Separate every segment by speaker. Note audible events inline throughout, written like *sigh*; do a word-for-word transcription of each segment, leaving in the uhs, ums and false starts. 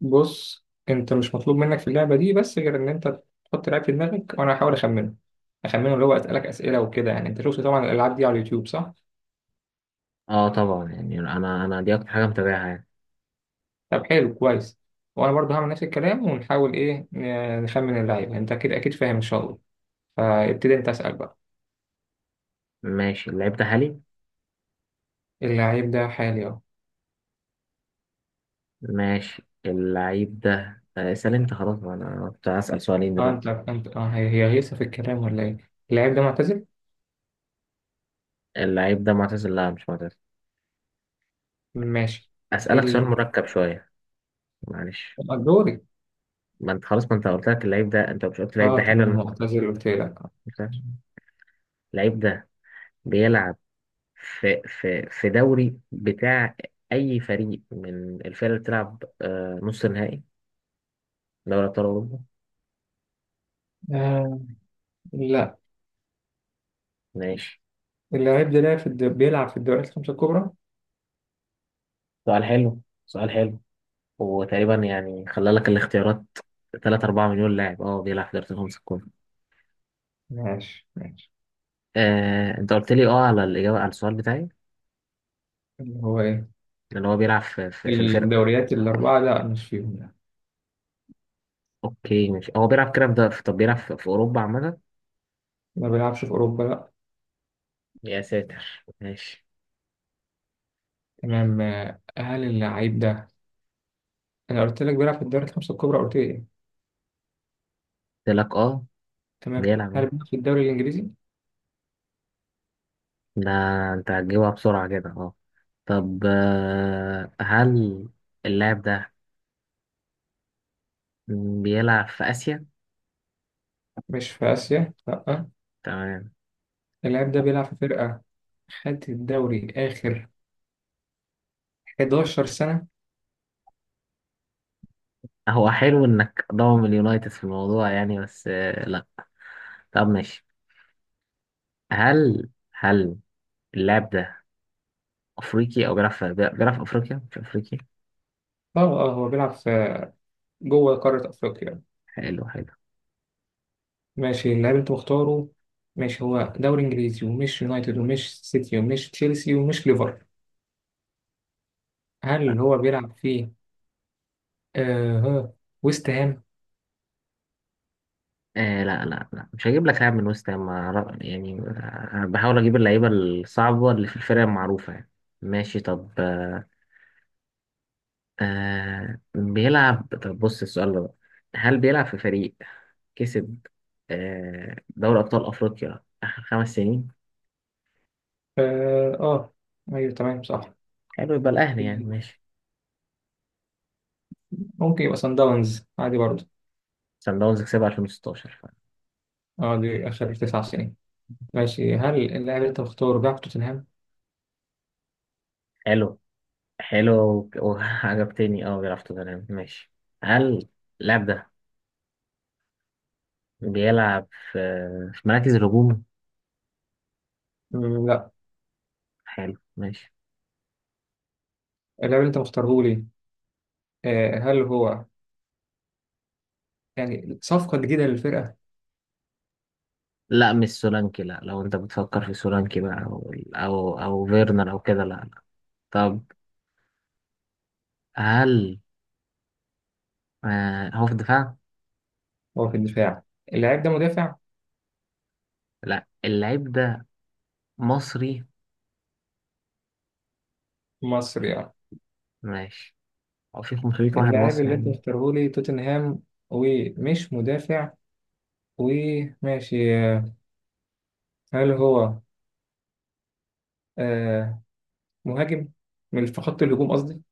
Speaker 1: بص، انت مش مطلوب منك في اللعبه دي، بس غير ان انت تحط لعيب في دماغك وانا هحاول اخمنه، اخمنه اللي هو اسالك اسئله وكده. يعني انت شفت طبعا الالعاب دي على اليوتيوب، صح؟
Speaker 2: اه طبعا، يعني انا انا دي اكتر حاجه متابعها يعني.
Speaker 1: طب حلو، كويس. وانا برضه هعمل نفس الكلام ونحاول ايه، ن- نخمن اللعيب. انت اكيد اكيد فاهم ان شاء الله. فابتدي انت اسال بقى.
Speaker 2: ماشي، اللعيب ده حالي.
Speaker 1: اللعيب ده حالي اهو.
Speaker 2: ماشي، اللعيب ده آه، اسال انت خلاص، ما انا كنت هسال سؤالين
Speaker 1: اه انت
Speaker 2: دلوقتي.
Speaker 1: انت اه هي هي غيسه في الكلام ولا ايه؟ اللعيب ده معتزل؟
Speaker 2: اللعيب ده معتزل؟ لا، مش معتزل.
Speaker 1: ماشي.
Speaker 2: اسالك سؤال
Speaker 1: اللعيب
Speaker 2: مركب شويه، معلش.
Speaker 1: ده دوري.
Speaker 2: ما انت خلاص، ما انت قلت لك اللعيب ده، انت مش قلت اللعيب ده
Speaker 1: اه
Speaker 2: حالي
Speaker 1: تمام،
Speaker 2: ولا مت-
Speaker 1: معتزل قلت لك.
Speaker 2: مت- اللعيب ده بيلعب في في في دوري بتاع اي فريق من الفرق اللي بتلعب آه، نص نهائي دوري ابطال اوروبا؟
Speaker 1: آه، لا.
Speaker 2: ماشي.
Speaker 1: اللعيب ده لعب في الد- بيلعب في الدوريات الخمسه الكبرى.
Speaker 2: سؤال حلو، سؤال حلو. وتقريبا يعني خلى لك الاختيارات تلاتة اربعة مليون لاعب اه بيلعب في دوري الخمسة الكبرى.
Speaker 1: ماشي، ماشي.
Speaker 2: آه، انت قلت لي اه على الاجابه على السؤال بتاعي،
Speaker 1: اللي هو ايه؟
Speaker 2: اللي هو بيلعب في, في, في الفرقه.
Speaker 1: الدوريات الأربعة؟ لا، مش فيهم، لا.
Speaker 2: اوكي ماشي، هو بيلعب كده في ده. طب بيلعب في, في اوروبا عامه؟
Speaker 1: ما بيلعبش في أوروبا، لا.
Speaker 2: يا ساتر، ماشي.
Speaker 1: تمام. آه، هل اللعيب ده؟ أنا قلت لك بيلعب في الدوري الخمسة الكبرى، قلت لي إيه؟
Speaker 2: قلت لك اه
Speaker 1: تمام.
Speaker 2: بيلعب
Speaker 1: هل
Speaker 2: اه.
Speaker 1: بيلعب في الدوري الإنجليزي؟
Speaker 2: ده انت هتجيبها بسرعه كده، اه. طب آه، هل اللاعب ده بيلعب في اسيا؟
Speaker 1: مش في آسيا، لا.
Speaker 2: تمام.
Speaker 1: اللاعب ده بيلعب في فرقة خدت الدوري آخر أحد عشر سنة.
Speaker 2: هو حلو انك ضامن اليونايتد في الموضوع يعني، بس آه لا. طب ماشي. هل هل اللاعب ده افريقي او بيلعب في، بيلعب في افريقيا مش افريقي؟
Speaker 1: اه اه هو بيلعب في جوه قارة أفريقيا.
Speaker 2: حلو حلو.
Speaker 1: ماشي. اللاعب أنت مختاره. ماشي، هو دوري إنجليزي ومش يونايتد ومش سيتي ومش تشيلسي ومش ليفر. هل هو بيلعب في آه ويست هام؟
Speaker 2: آه لا لا لا، مش هجيب لك لاعب من وست هام، أنا- يعني أنا بحاول اجيب اللعيبه الصعبه اللي في الفرق المعروفه يعني. ماشي طب آه، آه، بيلعب. طب بص السؤال ده بقى. هل بيلعب في فريق كسب آه دوري ابطال افريقيا اخر خمس سنين؟
Speaker 1: اه آه، ايوه، تمام، صح.
Speaker 2: حلو، يبقى الاهلي يعني، ماشي.
Speaker 1: ممكن يبقى سان داونز عادي برضه.
Speaker 2: سان داونز كسبها الفين وستاشر.
Speaker 1: اه دي اخر تسع سنين. ماشي، هل اللاعب اللي انت مختاره بيلعب في توتنهام؟
Speaker 2: حلو حلو، وك- وعجبتني اه، بيلعب في توتنهام، ماشي. هل اللاعب ده بيلعب في في مراكز الهجوم؟
Speaker 1: مم، لا.
Speaker 2: حلو ماشي.
Speaker 1: اللاعب اللي انت مختاره لي، آه هل هو يعني صفقة جديدة للفرقة؟
Speaker 2: لا مش سولانكي، لا لو انت بتفكر في سولانكي بقى او او, أو فيرنر او كده، لا لا. طب هل آه هو في الدفاع؟
Speaker 1: هو في الدفاع؟ اللاعب ده مدافع
Speaker 2: لا، اللعيب ده مصري.
Speaker 1: مصري؟ اه
Speaker 2: ماشي. هو في خمسمية واحد
Speaker 1: اللاعب
Speaker 2: مصري
Speaker 1: اللي انت
Speaker 2: يعني.
Speaker 1: مختاره لي توتنهام ومش مدافع وماشي. آه، هل هو آه مهاجم؟ من في خط الهجوم قصدي.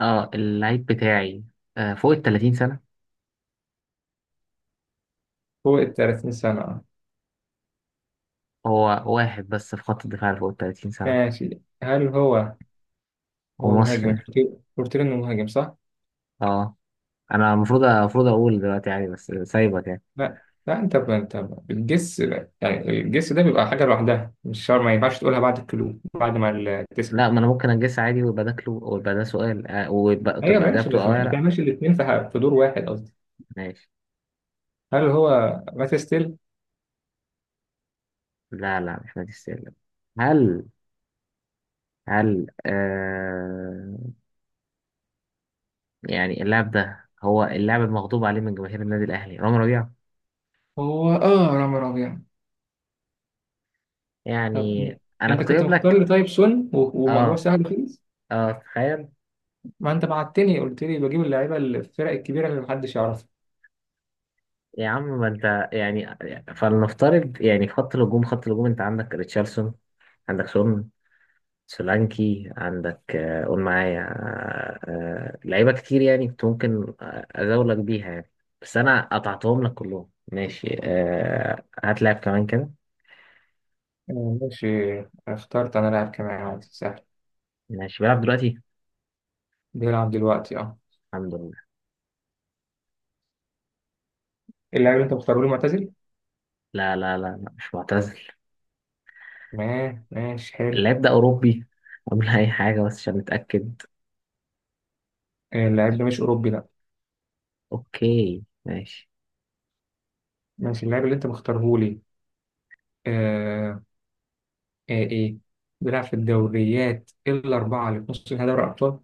Speaker 2: اه اللعيب بتاعي آه فوق ال تلاتين سنة.
Speaker 1: فوق ال تلاتين سنة.
Speaker 2: هو واحد بس في خط الدفاع اللي فوق ال تلاتين سنة
Speaker 1: ماشي، هل هو هو مهاجم،
Speaker 2: ومصري،
Speaker 1: أنت قلت قلت لي إنه مهاجم صح؟
Speaker 2: اه. انا المفروض المفروض اقول دلوقتي عادي، بس سايبك يعني.
Speaker 1: لا، لا. أنت ب- أنت ب- الجس يعني، الجس ده بيبقى حاجة لوحدها، مش شرط، ما ينفعش تقولها بعد الكلو، بعد ما ال- تسأل.
Speaker 2: لا ما انا ممكن اجس عادي ويبقى ده كلو، ويبقى ده سؤال آه، ويبقى
Speaker 1: أيوة،
Speaker 2: تبقى
Speaker 1: ماشي،
Speaker 2: اجابته
Speaker 1: بس ما
Speaker 2: اه يا لا.
Speaker 1: بتعملش الاتنين في ح- في دور واحد قصدي.
Speaker 2: ماشي.
Speaker 1: هل هو مات ستيل؟
Speaker 2: لا لا، مش مادي السير. هل هل آه، يعني اللاعب ده هو اللاعب المغضوب عليه من جماهير النادي الاهلي، رامي ربيعه
Speaker 1: هو آه رامي ربيع. طب
Speaker 2: يعني. انا
Speaker 1: أنت
Speaker 2: كنت
Speaker 1: كنت
Speaker 2: جايب
Speaker 1: مختار
Speaker 2: لك،
Speaker 1: لي طيب سون و- وموضوع
Speaker 2: اه
Speaker 1: سهل خالص.
Speaker 2: اه، تخيل.
Speaker 1: ما أنت بعتني قلت لي بجيب اللعيبة اللي في الفرق الكبيرة اللي محدش يعرفها.
Speaker 2: يا عم ما انت يعني، فلنفترض يعني، في خط الهجوم، خط الهجوم انت عندك ريتشارلسون، عندك سون، سولانكي، عندك آه، قول معايا، آه، آه، لعيبة كتير يعني كنت ممكن آه، أزاولك بيها يعني، بس أنا قطعتهم لك كلهم. ماشي آه، هات لاعب كمان كده.
Speaker 1: آه، ماشي. اخترت أنا لاعب كمان، عادي، سهل.
Speaker 2: ماشي، بيلعب دلوقتي،
Speaker 1: بيلعب دلوقتي؟ اه
Speaker 2: الحمد لله.
Speaker 1: اللاعب اللي انت مختاره لي معتزل؟
Speaker 2: لا لا لا لا، مش معتزل.
Speaker 1: ما ماشي، حلو.
Speaker 2: اللاعب ده أوروبي؟ قبل أي حاجة، بس عشان نتأكد.
Speaker 1: آه، اللاعب ده مش أوروبي، لا.
Speaker 2: أوكي ماشي.
Speaker 1: ماشي، اللاعب اللي انت مختاره لي آه آه إيه؟ بيلعب في الدوريات الأربعة اللي في نص نهائي دوري الأبطال؟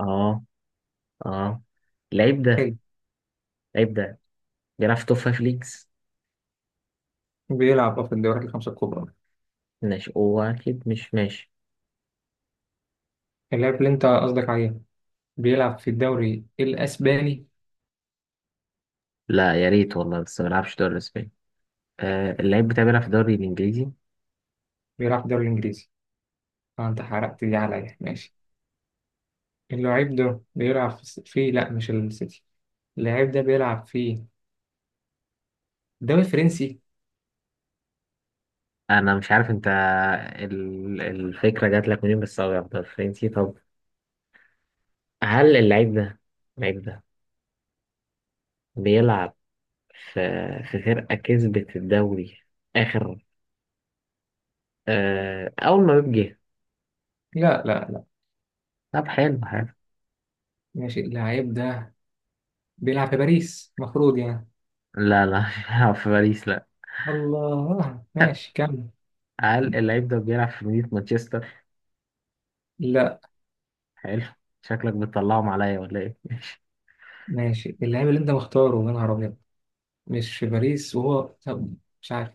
Speaker 2: أه أه، اللعيب ده،
Speaker 1: حلو.
Speaker 2: اللعيب ده بيلعب في توب فايف ليجز.
Speaker 1: بيلعب اه في الدوريات الخمسة الكبرى.
Speaker 2: ماشي، هو أكيد مش ماشي.
Speaker 1: اللاعب اللي انت قصدك عليه بيلعب في الدوري الأسباني؟
Speaker 2: لا يا ريت والله، بس ما بيلعبش دوري الإسباني. آه، اللعيب بتاعي بيلعب في الدوري الإنجليزي.
Speaker 1: بيلعب في الدوري الإنجليزي. اه انت حرقت دي عليا. ماشي. اللاعب ده بيلعب في الس- في، لا، مش السيتي. اللاعب ده بيلعب في الدوري الفرنسي؟
Speaker 2: انا مش عارف انت ال- الفكره جات لك منين، بس ابيض فرنسي. طب هل اللعيب ده، اللعيب ده بيلعب في في فرقه كسبت الدوري اخر آه اول ما بيجي؟
Speaker 1: لا، لا، لا.
Speaker 2: طب حلو حلو.
Speaker 1: ماشي. اللاعب ده بيلعب في باريس المفروض يعني.
Speaker 2: لا لا، *laughs* مش بيلعب في باريس، لا.
Speaker 1: الله، ماشي، كمل.
Speaker 2: هل اللعيب ده بيلعب في مدينه مانشستر؟
Speaker 1: لا.
Speaker 2: حلو. شكلك بتطلعهم عليا ولا ايه؟
Speaker 1: ماشي، اللاعب اللي انت مختاره، يا نهار ابيض، مش في باريس وهو. طب مش عارف.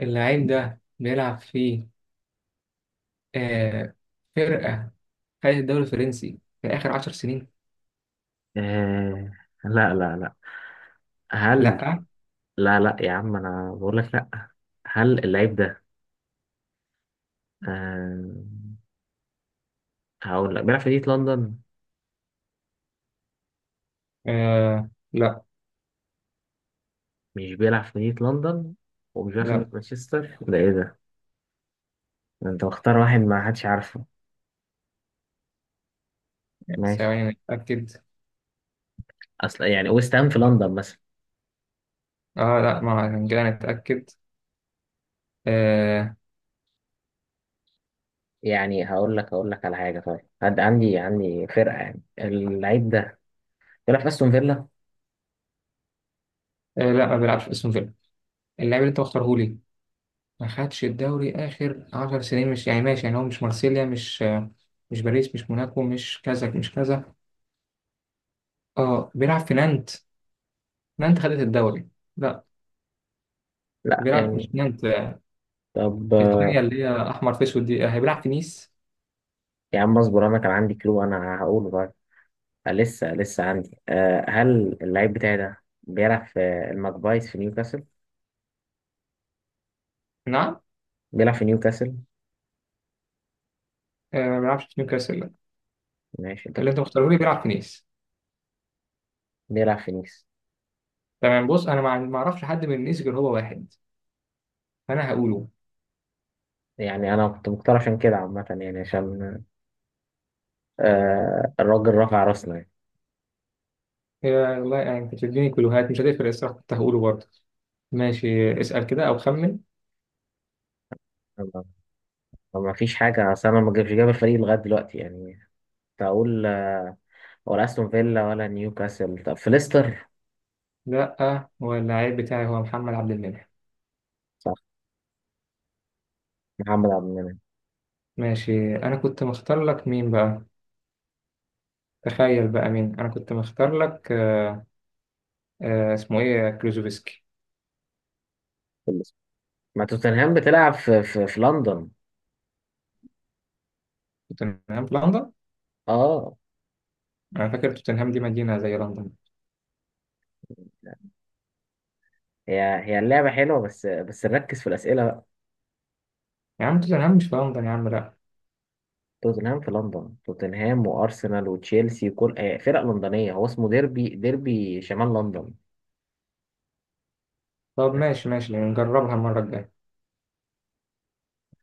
Speaker 1: اللاعب ده بيلعب في آه فرقة خدت الدوري الفرنسي في آخر عشر سنين؟
Speaker 2: آه لا لا لا، هل،
Speaker 1: لا.
Speaker 2: لا لا، يا عم انا بقول لك لا. هل اللعيب ده آه، هقول لك بيلعب في مدينه لندن؟
Speaker 1: آه، لا
Speaker 2: مش بيلعب في مدينة لندن، ومش بيلعب في
Speaker 1: لا.
Speaker 2: مدينة مانشستر، ده ايه ده؟ ده انت مختار واحد ما حدش عارفه. ماشي،
Speaker 1: ثواني، نتأكد.
Speaker 2: اصل يعني ويست هام في لندن مثلا.
Speaker 1: اه لا ما كده نتأكد. آه
Speaker 2: يعني هقول لك هقول لك على حاجة طيب، عند- عندي، عندي فرقة يعني. اللعيب ده بيلعب في استون فيلا؟
Speaker 1: آه لا، ما بيلعبش في اسم فيلا. اللاعب اللي انت مختاره لي ما خدش الدوري آخر عشر سنين مش يعني. ماشي يعني. هو مش مارسيليا، مش مش باريس، مش موناكو، مش كذا مش كذا. اه بيلعب في نانت؟ نانت خدت الدوري؟ لا.
Speaker 2: لا
Speaker 1: بيلعب مش
Speaker 2: يعني،
Speaker 1: في نانت.
Speaker 2: طب
Speaker 1: الثانية
Speaker 2: آه،
Speaker 1: اللي هي أحمر في أسود دي، آه، هيبيلعب في نيس؟
Speaker 2: يا عم اصبر، انا كان عندي كلو انا هقوله بقى. آه، لسه لسه عندي. أه هل اللعيب بتاعي ده بيلعب في الماكبايز في نيوكاسل؟
Speaker 1: نعم.
Speaker 2: بيلعب في نيوكاسل؟
Speaker 1: آه، ما بيلعبش في نيوكاسل، لا.
Speaker 2: ماشي، انت
Speaker 1: اللي أنت
Speaker 2: بت-
Speaker 1: مختاره لي بيلعب في نيس.
Speaker 2: بيلعب في نيس.
Speaker 1: تمام. بص أنا ما ما أعرفش حد من نيس غير هو واحد، أنا هقوله.
Speaker 2: يعني انا كنت مختار عشان كده عامة، يعني عشان آه الراجل رفع راسنا يعني.
Speaker 1: يا والله، يعني كنت بتديني كلوهات مش هتفرق الصراحة، كنت هقوله برضه. ماشي، اسأل كده أو خمن.
Speaker 2: ما ما فيش حاجة، أصل أنا ما جابش جاب الفريق لغاية دلوقتي يعني. كنت أقول آه، ولا أستون فيلا ولا نيوكاسل، طب في ليستر؟
Speaker 1: لا، هو اللاعب بتاعي هو محمد عبد المنعم.
Speaker 2: صح، محمد عبد المنعم،
Speaker 1: ماشي، أنا كنت مختار لك مين بقى؟ تخيل بقى مين؟ أنا كنت مختار لك آه آه اسمه إيه، كلوزوفسكي.
Speaker 2: في ليستر. ما توتنهام بتلعب في, في, في لندن.
Speaker 1: توتنهام في لندن؟
Speaker 2: أه،
Speaker 1: أنا فاكر توتنهام دي مدينة زي لندن.
Speaker 2: هي هي اللعبة حلوة، بس بس نركز في الأسئلة بقى.
Speaker 1: يا عم توتنهام مش في لندن يا عم، لأ.
Speaker 2: توتنهام في لندن، توتنهام وأرسنال وتشيلسي وكل آه، فرق لندنية، هو اسمه ديربي، ديربي شمال لندن.
Speaker 1: طب ماشي، ماشي، نجربها المرة الجاية.